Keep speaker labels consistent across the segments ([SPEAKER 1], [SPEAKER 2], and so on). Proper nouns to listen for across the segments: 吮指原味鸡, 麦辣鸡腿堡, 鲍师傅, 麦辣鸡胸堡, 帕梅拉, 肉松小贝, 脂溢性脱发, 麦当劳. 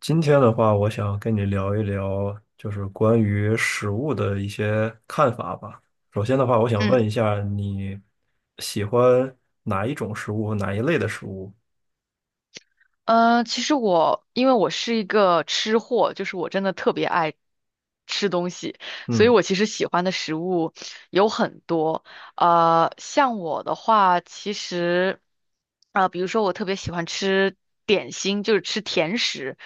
[SPEAKER 1] 今天的话，我想跟你聊一聊，就是关于食物的一些看法吧。首先的话，我想
[SPEAKER 2] 嗯，
[SPEAKER 1] 问一下，你喜欢哪一种食物和哪一类的食物？
[SPEAKER 2] 其实我因为是一个吃货，就是我真的特别爱吃东西，所以
[SPEAKER 1] 嗯
[SPEAKER 2] 我其实喜欢的食物有很多。像我的话，比如说我特别喜欢吃点心，就是吃甜食，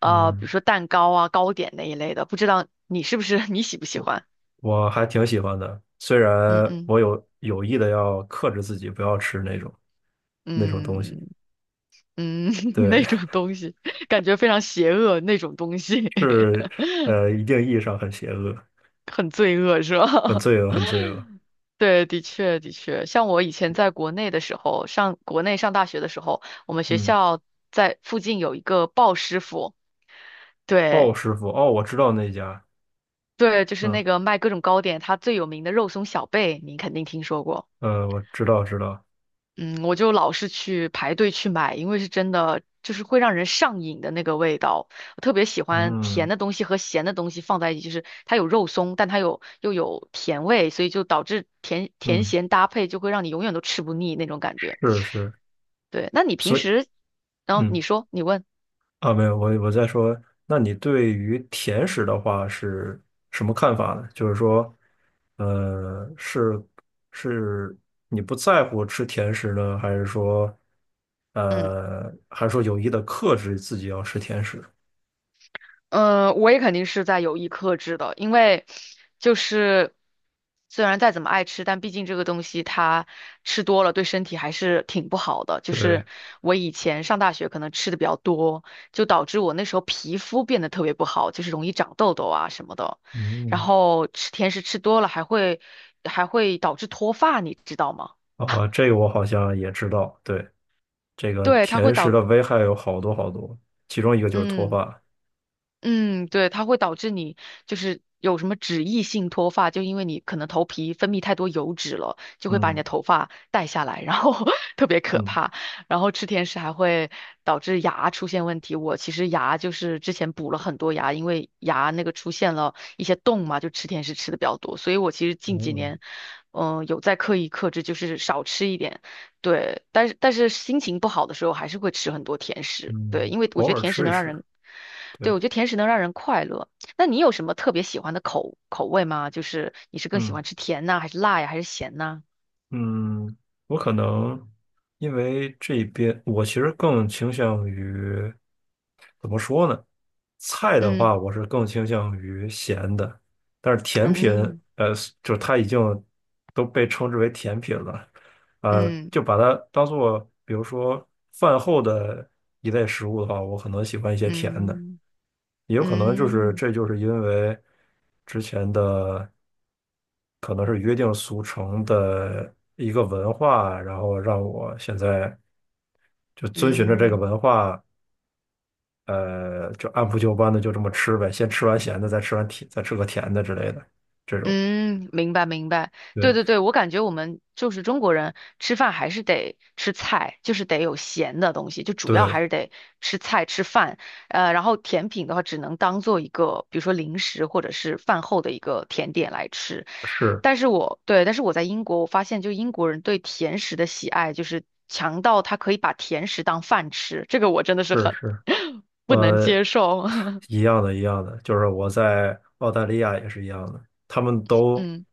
[SPEAKER 2] 比如
[SPEAKER 1] 嗯，
[SPEAKER 2] 说蛋糕啊、糕点那一类的。不知道你是不是 你喜不喜欢？
[SPEAKER 1] 我还挺喜欢的，虽然
[SPEAKER 2] 嗯嗯
[SPEAKER 1] 我有意的要克制自己，不要吃那种东西。
[SPEAKER 2] 嗯嗯，那
[SPEAKER 1] 对，
[SPEAKER 2] 种东西，感觉非常邪恶那种东西。
[SPEAKER 1] 是。 一定意义上很邪恶，
[SPEAKER 2] 很罪恶是
[SPEAKER 1] 很
[SPEAKER 2] 吧？
[SPEAKER 1] 罪恶，很罪恶。
[SPEAKER 2] 对，的确的确，像我以前在国内的时候，上国内上大学的时候，我们学
[SPEAKER 1] 嗯，
[SPEAKER 2] 校在附近有一个鲍师傅，对
[SPEAKER 1] 鲍师傅，哦，我知道那家。
[SPEAKER 2] 对，就是
[SPEAKER 1] 嗯
[SPEAKER 2] 那个卖各种糕点，他最有名的肉松小贝，您肯定听说过。
[SPEAKER 1] 我知道知道，
[SPEAKER 2] 嗯，我就老是去排队去买，因为是真的，就是会让人上瘾的那个味道。我特别喜欢甜
[SPEAKER 1] 嗯。
[SPEAKER 2] 的东西和咸的东西放在一起，就是它有肉松，但它有又有甜味，所以就导致甜甜
[SPEAKER 1] 嗯，
[SPEAKER 2] 咸搭配就会让你永远都吃不腻那种感觉。
[SPEAKER 1] 是是，
[SPEAKER 2] 对，那你平
[SPEAKER 1] 所以
[SPEAKER 2] 时，你
[SPEAKER 1] 嗯。
[SPEAKER 2] 说，你问，
[SPEAKER 1] 没有，我在说，那你对于甜食的话是什么看法呢？就是说，呃，是是你不在乎吃甜食呢，还是说，
[SPEAKER 2] 嗯。
[SPEAKER 1] 还是说有意的克制自己要吃甜食？
[SPEAKER 2] 嗯，我也肯定是在有意克制的，因为就是虽然再怎么爱吃，但毕竟这个东西它吃多了对身体还是挺不好的。就
[SPEAKER 1] 对，
[SPEAKER 2] 是我以前上大学可能吃的比较多，就导致我那时候皮肤变得特别不好，就是容易长痘痘啊什么的。然
[SPEAKER 1] 嗯。
[SPEAKER 2] 后吃甜食吃多了还会导致脱发，你知道吗？
[SPEAKER 1] 啊，这个我好像也知道，对，这个
[SPEAKER 2] 对，它会
[SPEAKER 1] 甜食
[SPEAKER 2] 导，
[SPEAKER 1] 的危害有好多好多，其中一个就是脱
[SPEAKER 2] 嗯。
[SPEAKER 1] 发，
[SPEAKER 2] 嗯，对，它会导致你就是有什么脂溢性脱发，就因为你可能头皮分泌太多油脂了，就会把你的
[SPEAKER 1] 嗯
[SPEAKER 2] 头发带下来，然后 特别可
[SPEAKER 1] 嗯。
[SPEAKER 2] 怕。然后吃甜食还会导致牙出现问题。我其实牙就是之前补了很多牙，因为牙那个出现了一些洞嘛，就吃甜食吃的比较多，所以我其实近几
[SPEAKER 1] 嗯
[SPEAKER 2] 年，有在刻意克制，就是少吃一点。对，但是心情不好的时候还是会吃很多甜食，对，
[SPEAKER 1] 嗯，
[SPEAKER 2] 因为我
[SPEAKER 1] 偶
[SPEAKER 2] 觉得
[SPEAKER 1] 尔
[SPEAKER 2] 甜食
[SPEAKER 1] 吃一
[SPEAKER 2] 能让
[SPEAKER 1] 吃。
[SPEAKER 2] 人，对，
[SPEAKER 1] 对，
[SPEAKER 2] 我觉得甜食能让人快乐。那你有什么特别喜欢的口味吗？就是你是更喜
[SPEAKER 1] 嗯。
[SPEAKER 2] 欢吃甜呐，还是辣呀，还是咸呐？
[SPEAKER 1] 嗯，我可能因为这边我其实更倾向于怎么说呢？菜的
[SPEAKER 2] 嗯
[SPEAKER 1] 话，我是更倾向于咸的，但是甜品，
[SPEAKER 2] 嗯
[SPEAKER 1] 呃，就是它已经都被称之为甜品了，呃，
[SPEAKER 2] 嗯
[SPEAKER 1] 就把它当做比如说饭后的一类食物的话，我可能喜欢一些甜的。
[SPEAKER 2] 嗯
[SPEAKER 1] 也有可能就是
[SPEAKER 2] 嗯
[SPEAKER 1] 这就是因为之前的可能是约定俗成的一个文化，然后让我现在就遵循着这个
[SPEAKER 2] 嗯嗯。
[SPEAKER 1] 文化，就按部就班的就这么吃呗，先吃完咸的，再吃完甜，再吃个甜的之类的这种。
[SPEAKER 2] 嗯，明白明白，对
[SPEAKER 1] 对
[SPEAKER 2] 对对，我感觉我们就是中国人吃饭还是得吃菜，就是得有咸的东西，就主要还
[SPEAKER 1] 对，
[SPEAKER 2] 是得吃菜吃饭，然后甜品的话只能当做一个，比如说零食或者是饭后的一个甜点来吃。
[SPEAKER 1] 是
[SPEAKER 2] 但是我在英国，我发现就英国人对甜食的喜爱就是强到他可以把甜食当饭吃，这个我真的是
[SPEAKER 1] 是
[SPEAKER 2] 很
[SPEAKER 1] 是。
[SPEAKER 2] 不能
[SPEAKER 1] 呃，
[SPEAKER 2] 接受。
[SPEAKER 1] 一样的，一样的，就是我在澳大利亚也是一样的，他们都。
[SPEAKER 2] 嗯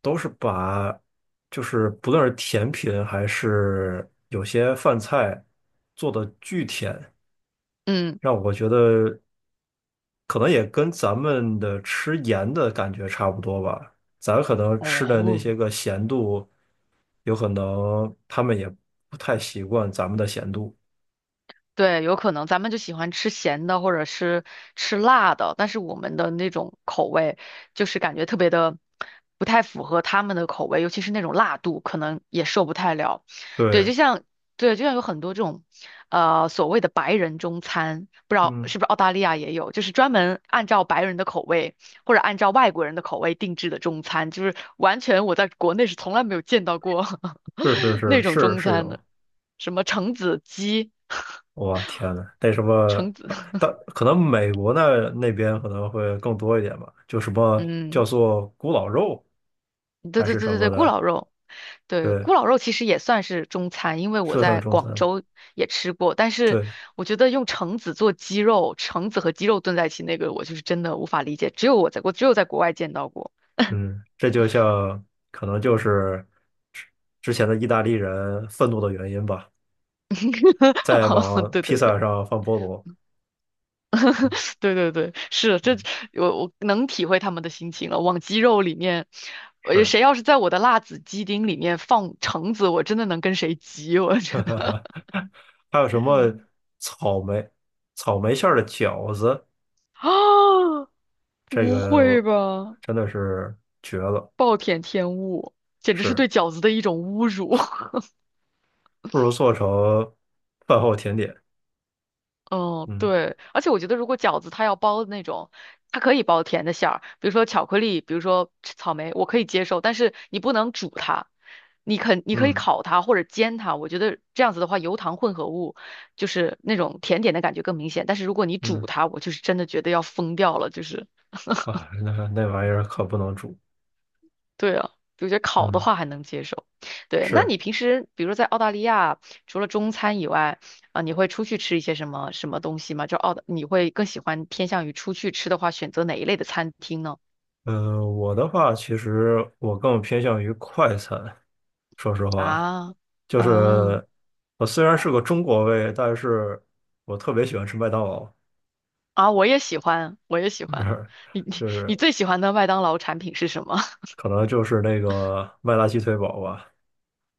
[SPEAKER 1] 都是把就是不论是甜品还是有些饭菜做的巨甜，
[SPEAKER 2] 嗯，
[SPEAKER 1] 让我觉得可能也跟咱们的吃盐的感觉差不多吧。咱可能吃的那
[SPEAKER 2] 哦。
[SPEAKER 1] 些个咸度，有可能他们也不太习惯咱们的咸度。
[SPEAKER 2] 对，有可能咱们就喜欢吃咸的或者是吃辣的，但是我们的那种口味就是感觉特别的不太符合他们的口味，尤其是那种辣度，可能也受不太了。对，
[SPEAKER 1] 对，
[SPEAKER 2] 就像对，就像有很多这种所谓的白人中餐，不知道
[SPEAKER 1] 嗯，
[SPEAKER 2] 是不是澳大利亚也有，就是专门按照白人的口味或者按照外国人的口味定制的中餐，就是完全我在国内是从来没有见到过
[SPEAKER 1] 是是
[SPEAKER 2] 那
[SPEAKER 1] 是
[SPEAKER 2] 种
[SPEAKER 1] 是
[SPEAKER 2] 中
[SPEAKER 1] 是
[SPEAKER 2] 餐
[SPEAKER 1] 有。
[SPEAKER 2] 的，什么橙子鸡。
[SPEAKER 1] 哇，天呐，那什么，
[SPEAKER 2] 橙子，
[SPEAKER 1] 但可能美国那边可能会更多一点吧，就什么叫
[SPEAKER 2] 嗯，
[SPEAKER 1] 做古老肉
[SPEAKER 2] 对
[SPEAKER 1] 还
[SPEAKER 2] 对
[SPEAKER 1] 是
[SPEAKER 2] 对
[SPEAKER 1] 什
[SPEAKER 2] 对
[SPEAKER 1] 么
[SPEAKER 2] 对，咕
[SPEAKER 1] 的，
[SPEAKER 2] 老肉，对，
[SPEAKER 1] 对，
[SPEAKER 2] 咕老肉其实也算是中餐，因为我
[SPEAKER 1] 是算是
[SPEAKER 2] 在
[SPEAKER 1] 中
[SPEAKER 2] 广
[SPEAKER 1] 餐，
[SPEAKER 2] 州也吃过，但是
[SPEAKER 1] 对。
[SPEAKER 2] 我觉得用橙子做鸡肉，橙子和鸡肉炖在一起，那个我就是真的无法理解，只有我在我只有在国外见到过。
[SPEAKER 1] 嗯，这就像可能就是之之前的意大利人愤怒的原因吧，在 往
[SPEAKER 2] 对
[SPEAKER 1] 披
[SPEAKER 2] 对对
[SPEAKER 1] 萨上放菠萝，嗯
[SPEAKER 2] 对对对，是这
[SPEAKER 1] 嗯，
[SPEAKER 2] 我能体会他们的心情了。往鸡肉里面，
[SPEAKER 1] 是，
[SPEAKER 2] 谁要是在我的辣子鸡丁里面放橙子，我真的能跟谁急，我真的。
[SPEAKER 1] 还有什么 草莓草莓馅儿的饺子，
[SPEAKER 2] 啊，
[SPEAKER 1] 这
[SPEAKER 2] 不会
[SPEAKER 1] 个
[SPEAKER 2] 吧？
[SPEAKER 1] 真的是绝了。
[SPEAKER 2] 暴殄天物，简直是
[SPEAKER 1] 是，
[SPEAKER 2] 对饺子的一种侮辱。
[SPEAKER 1] 不如做成饭后甜点。
[SPEAKER 2] 嗯，
[SPEAKER 1] 嗯
[SPEAKER 2] 对，而且我觉得如果饺子它要包那种，它可以包甜的馅儿，比如说巧克力，比如说草莓，我可以接受，但是你不能煮它，你可以
[SPEAKER 1] 嗯
[SPEAKER 2] 烤它或者煎它，我觉得这样子的话，油糖混合物就是那种甜点的感觉更明显，但是如果你煮
[SPEAKER 1] 嗯，
[SPEAKER 2] 它，我就是真的觉得要疯掉了，就是。
[SPEAKER 1] 啊，那那玩意儿可不能煮。
[SPEAKER 2] 对啊，我觉得烤的
[SPEAKER 1] 嗯，
[SPEAKER 2] 话还能接受。对，那
[SPEAKER 1] 是。
[SPEAKER 2] 你平时比如说在澳大利亚，除了中餐以外，你会出去吃一些什么什么东西吗？就澳大，你会更喜欢偏向于出去吃的话，选择哪一类的餐厅呢？
[SPEAKER 1] 我的话，其实我更偏向于快餐。说实话，
[SPEAKER 2] 啊，
[SPEAKER 1] 就
[SPEAKER 2] 嗯，
[SPEAKER 1] 是我虽然是个中国胃，但是我特别喜欢吃麦当劳，
[SPEAKER 2] 啊，我也喜欢，我也喜
[SPEAKER 1] 就
[SPEAKER 2] 欢。
[SPEAKER 1] 是
[SPEAKER 2] 你你
[SPEAKER 1] 就
[SPEAKER 2] 你
[SPEAKER 1] 是
[SPEAKER 2] 最喜欢的麦当劳产品是什么？
[SPEAKER 1] 可能就是那个麦辣鸡腿堡吧。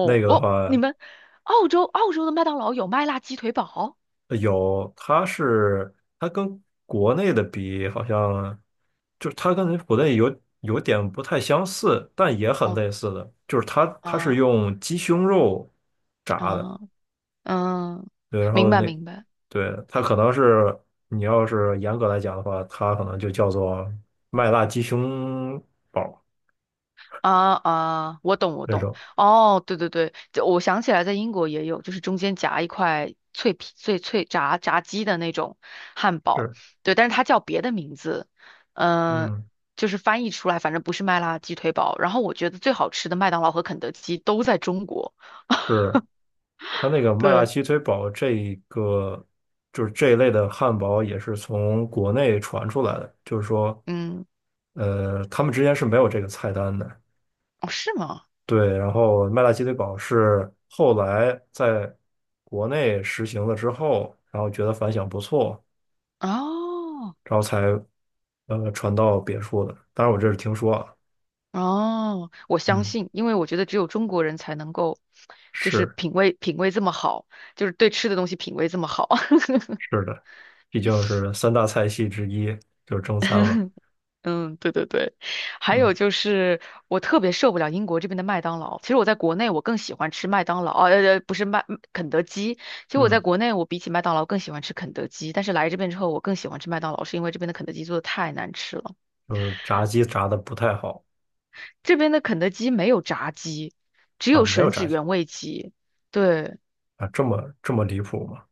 [SPEAKER 1] 那个的
[SPEAKER 2] 你
[SPEAKER 1] 话，
[SPEAKER 2] 们澳洲的麦当劳有麦辣鸡腿堡？
[SPEAKER 1] 有，它是它跟国内的比，好像就是它跟国内有点不太相似，但也很
[SPEAKER 2] 哦
[SPEAKER 1] 类似的，就是它是
[SPEAKER 2] 啊，
[SPEAKER 1] 用鸡胸肉炸的，
[SPEAKER 2] 嗯嗯，
[SPEAKER 1] 对，然
[SPEAKER 2] 明
[SPEAKER 1] 后
[SPEAKER 2] 白
[SPEAKER 1] 那
[SPEAKER 2] 明白。
[SPEAKER 1] 对它可能是你要是严格来讲的话，它可能就叫做麦辣鸡胸堡
[SPEAKER 2] 啊啊，我懂我
[SPEAKER 1] 那
[SPEAKER 2] 懂，
[SPEAKER 1] 种，
[SPEAKER 2] 哦，对对对，这我想起来，在英国也有，就是中间夹一块脆皮炸鸡的那种汉堡，
[SPEAKER 1] 是，
[SPEAKER 2] 对，但是它叫别的名字，嗯、
[SPEAKER 1] 嗯，
[SPEAKER 2] 就是翻译出来，反正不是麦辣鸡腿堡。然后我觉得最好吃的麦当劳和肯德基都在中国，
[SPEAKER 1] 是。它那个麦辣
[SPEAKER 2] 对，
[SPEAKER 1] 鸡腿堡这一个就是这一类的汉堡也是从国内传出来的，就是说，
[SPEAKER 2] 嗯，
[SPEAKER 1] 他们之间是没有这个菜单的。
[SPEAKER 2] 哦，是吗？
[SPEAKER 1] 对，然后麦辣鸡腿堡是后来在国内实行了之后，然后觉得反响不错，
[SPEAKER 2] 哦
[SPEAKER 1] 然后才传到别处的。当然，我这是听说啊，
[SPEAKER 2] 哦，我相
[SPEAKER 1] 嗯，
[SPEAKER 2] 信，因为我觉得只有中国人才能够，就是
[SPEAKER 1] 是
[SPEAKER 2] 品味这么好，就是对吃的东西品味这么好。
[SPEAKER 1] 是的，毕竟是三大菜系之一，就是中餐嘛，
[SPEAKER 2] 嗯，对对对，还有
[SPEAKER 1] 嗯
[SPEAKER 2] 就是我特别受不了英国这边的麦当劳。其实我在国内我更喜欢吃麦当劳，哦呃，呃不是麦肯德基。其实我在
[SPEAKER 1] 嗯，
[SPEAKER 2] 国内我比起麦当劳更喜欢吃肯德基，但是来这边之后我更喜欢吃麦当劳，是因为这边的肯德基做的太难吃了。
[SPEAKER 1] 就是炸鸡炸的不太好。
[SPEAKER 2] 这边的肯德基没有炸鸡，只
[SPEAKER 1] 啊，
[SPEAKER 2] 有
[SPEAKER 1] 没有
[SPEAKER 2] 吮指
[SPEAKER 1] 炸鸡
[SPEAKER 2] 原味鸡。对，
[SPEAKER 1] 啊，这么这么离谱吗？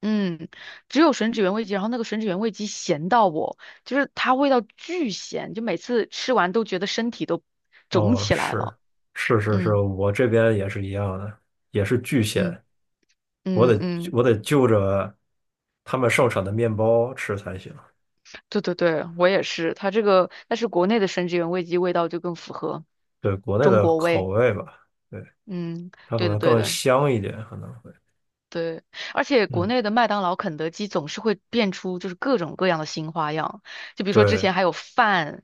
[SPEAKER 2] 嗯，只有吮指原味鸡，然后那个吮指原味鸡咸到我，就是它味道巨咸，就每次吃完都觉得身体都肿
[SPEAKER 1] 哦，
[SPEAKER 2] 起来
[SPEAKER 1] 是
[SPEAKER 2] 了。
[SPEAKER 1] 是是是，
[SPEAKER 2] 嗯
[SPEAKER 1] 我这边也是一样的，也是巨鲜，
[SPEAKER 2] 嗯。
[SPEAKER 1] 我
[SPEAKER 2] 嗯
[SPEAKER 1] 得
[SPEAKER 2] 嗯，
[SPEAKER 1] 我得就着他们盛产的面包吃才行。
[SPEAKER 2] 对对对，我也是。它这个，但是国内的生殖原味鸡味道就更符合
[SPEAKER 1] 对，国内
[SPEAKER 2] 中
[SPEAKER 1] 的
[SPEAKER 2] 国
[SPEAKER 1] 口
[SPEAKER 2] 味。
[SPEAKER 1] 味吧，对，
[SPEAKER 2] 嗯，
[SPEAKER 1] 它可
[SPEAKER 2] 对的
[SPEAKER 1] 能
[SPEAKER 2] 对
[SPEAKER 1] 更
[SPEAKER 2] 的，
[SPEAKER 1] 香一点，可能会，
[SPEAKER 2] 对，而且国
[SPEAKER 1] 嗯，
[SPEAKER 2] 内的麦当劳、肯德基总是会变出就是各种各样的新花样，就比如说之
[SPEAKER 1] 对，
[SPEAKER 2] 前还有饭，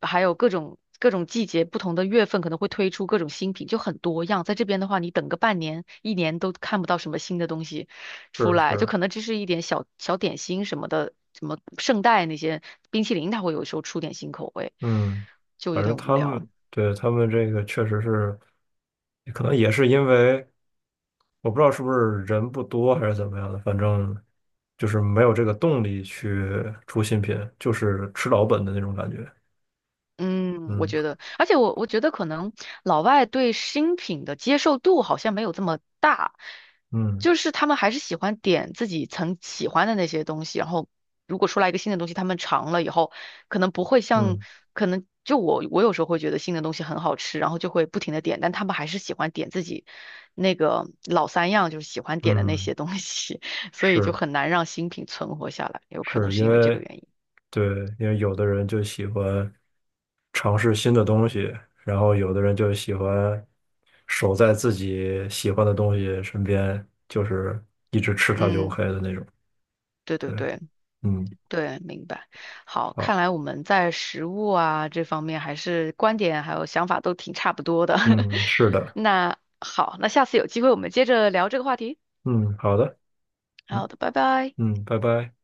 [SPEAKER 2] 还有各种季节、不同的月份可能会推出各种新品，就很多样。在这边的话，你等个半年、一年都看不到什么新的东西出
[SPEAKER 1] 是
[SPEAKER 2] 来，就
[SPEAKER 1] 是，
[SPEAKER 2] 可能只是一点小小点心什么的，什么圣代那些冰淇淋，它会有时候出点新口味，
[SPEAKER 1] 嗯，
[SPEAKER 2] 就有
[SPEAKER 1] 反正
[SPEAKER 2] 点无
[SPEAKER 1] 他
[SPEAKER 2] 聊。
[SPEAKER 1] 们对他们这个确实是，可能也是因为我不知道是不是人不多还是怎么样的，反正就是没有这个动力去出新品，就是吃老本的那种感觉。
[SPEAKER 2] 嗯，我
[SPEAKER 1] 嗯
[SPEAKER 2] 觉得，而且我觉得可能老外对新品的接受度好像没有这么大，
[SPEAKER 1] 嗯
[SPEAKER 2] 就是他们还是喜欢点自己曾喜欢的那些东西，然后如果出来一个新的东西，他们尝了以后，可能不会像，
[SPEAKER 1] 嗯
[SPEAKER 2] 可能就我有时候会觉得新的东西很好吃，然后就会不停的点，但他们还是喜欢点自己那个老三样，就是喜欢点的那
[SPEAKER 1] 嗯，
[SPEAKER 2] 些东西，所以就
[SPEAKER 1] 是
[SPEAKER 2] 很难让新品存活下来，有可能
[SPEAKER 1] 是，因
[SPEAKER 2] 是因为这个
[SPEAKER 1] 为
[SPEAKER 2] 原因。
[SPEAKER 1] 对，因为有的人就喜欢尝试新的东西，然后有的人就喜欢守在自己喜欢的东西身边，就是一直吃它就
[SPEAKER 2] 嗯，
[SPEAKER 1] OK 的那种。
[SPEAKER 2] 对对
[SPEAKER 1] 对，
[SPEAKER 2] 对。
[SPEAKER 1] 嗯，
[SPEAKER 2] 对，明白。好，
[SPEAKER 1] 好，
[SPEAKER 2] 看来我们在食物啊这方面还是观点还有想法都挺差不多的。
[SPEAKER 1] 嗯，是 的，
[SPEAKER 2] 那好，那下次有机会我们接着聊这个话题。
[SPEAKER 1] 嗯，好的，
[SPEAKER 2] 好
[SPEAKER 1] 嗯
[SPEAKER 2] 的，拜拜。
[SPEAKER 1] 嗯，拜拜。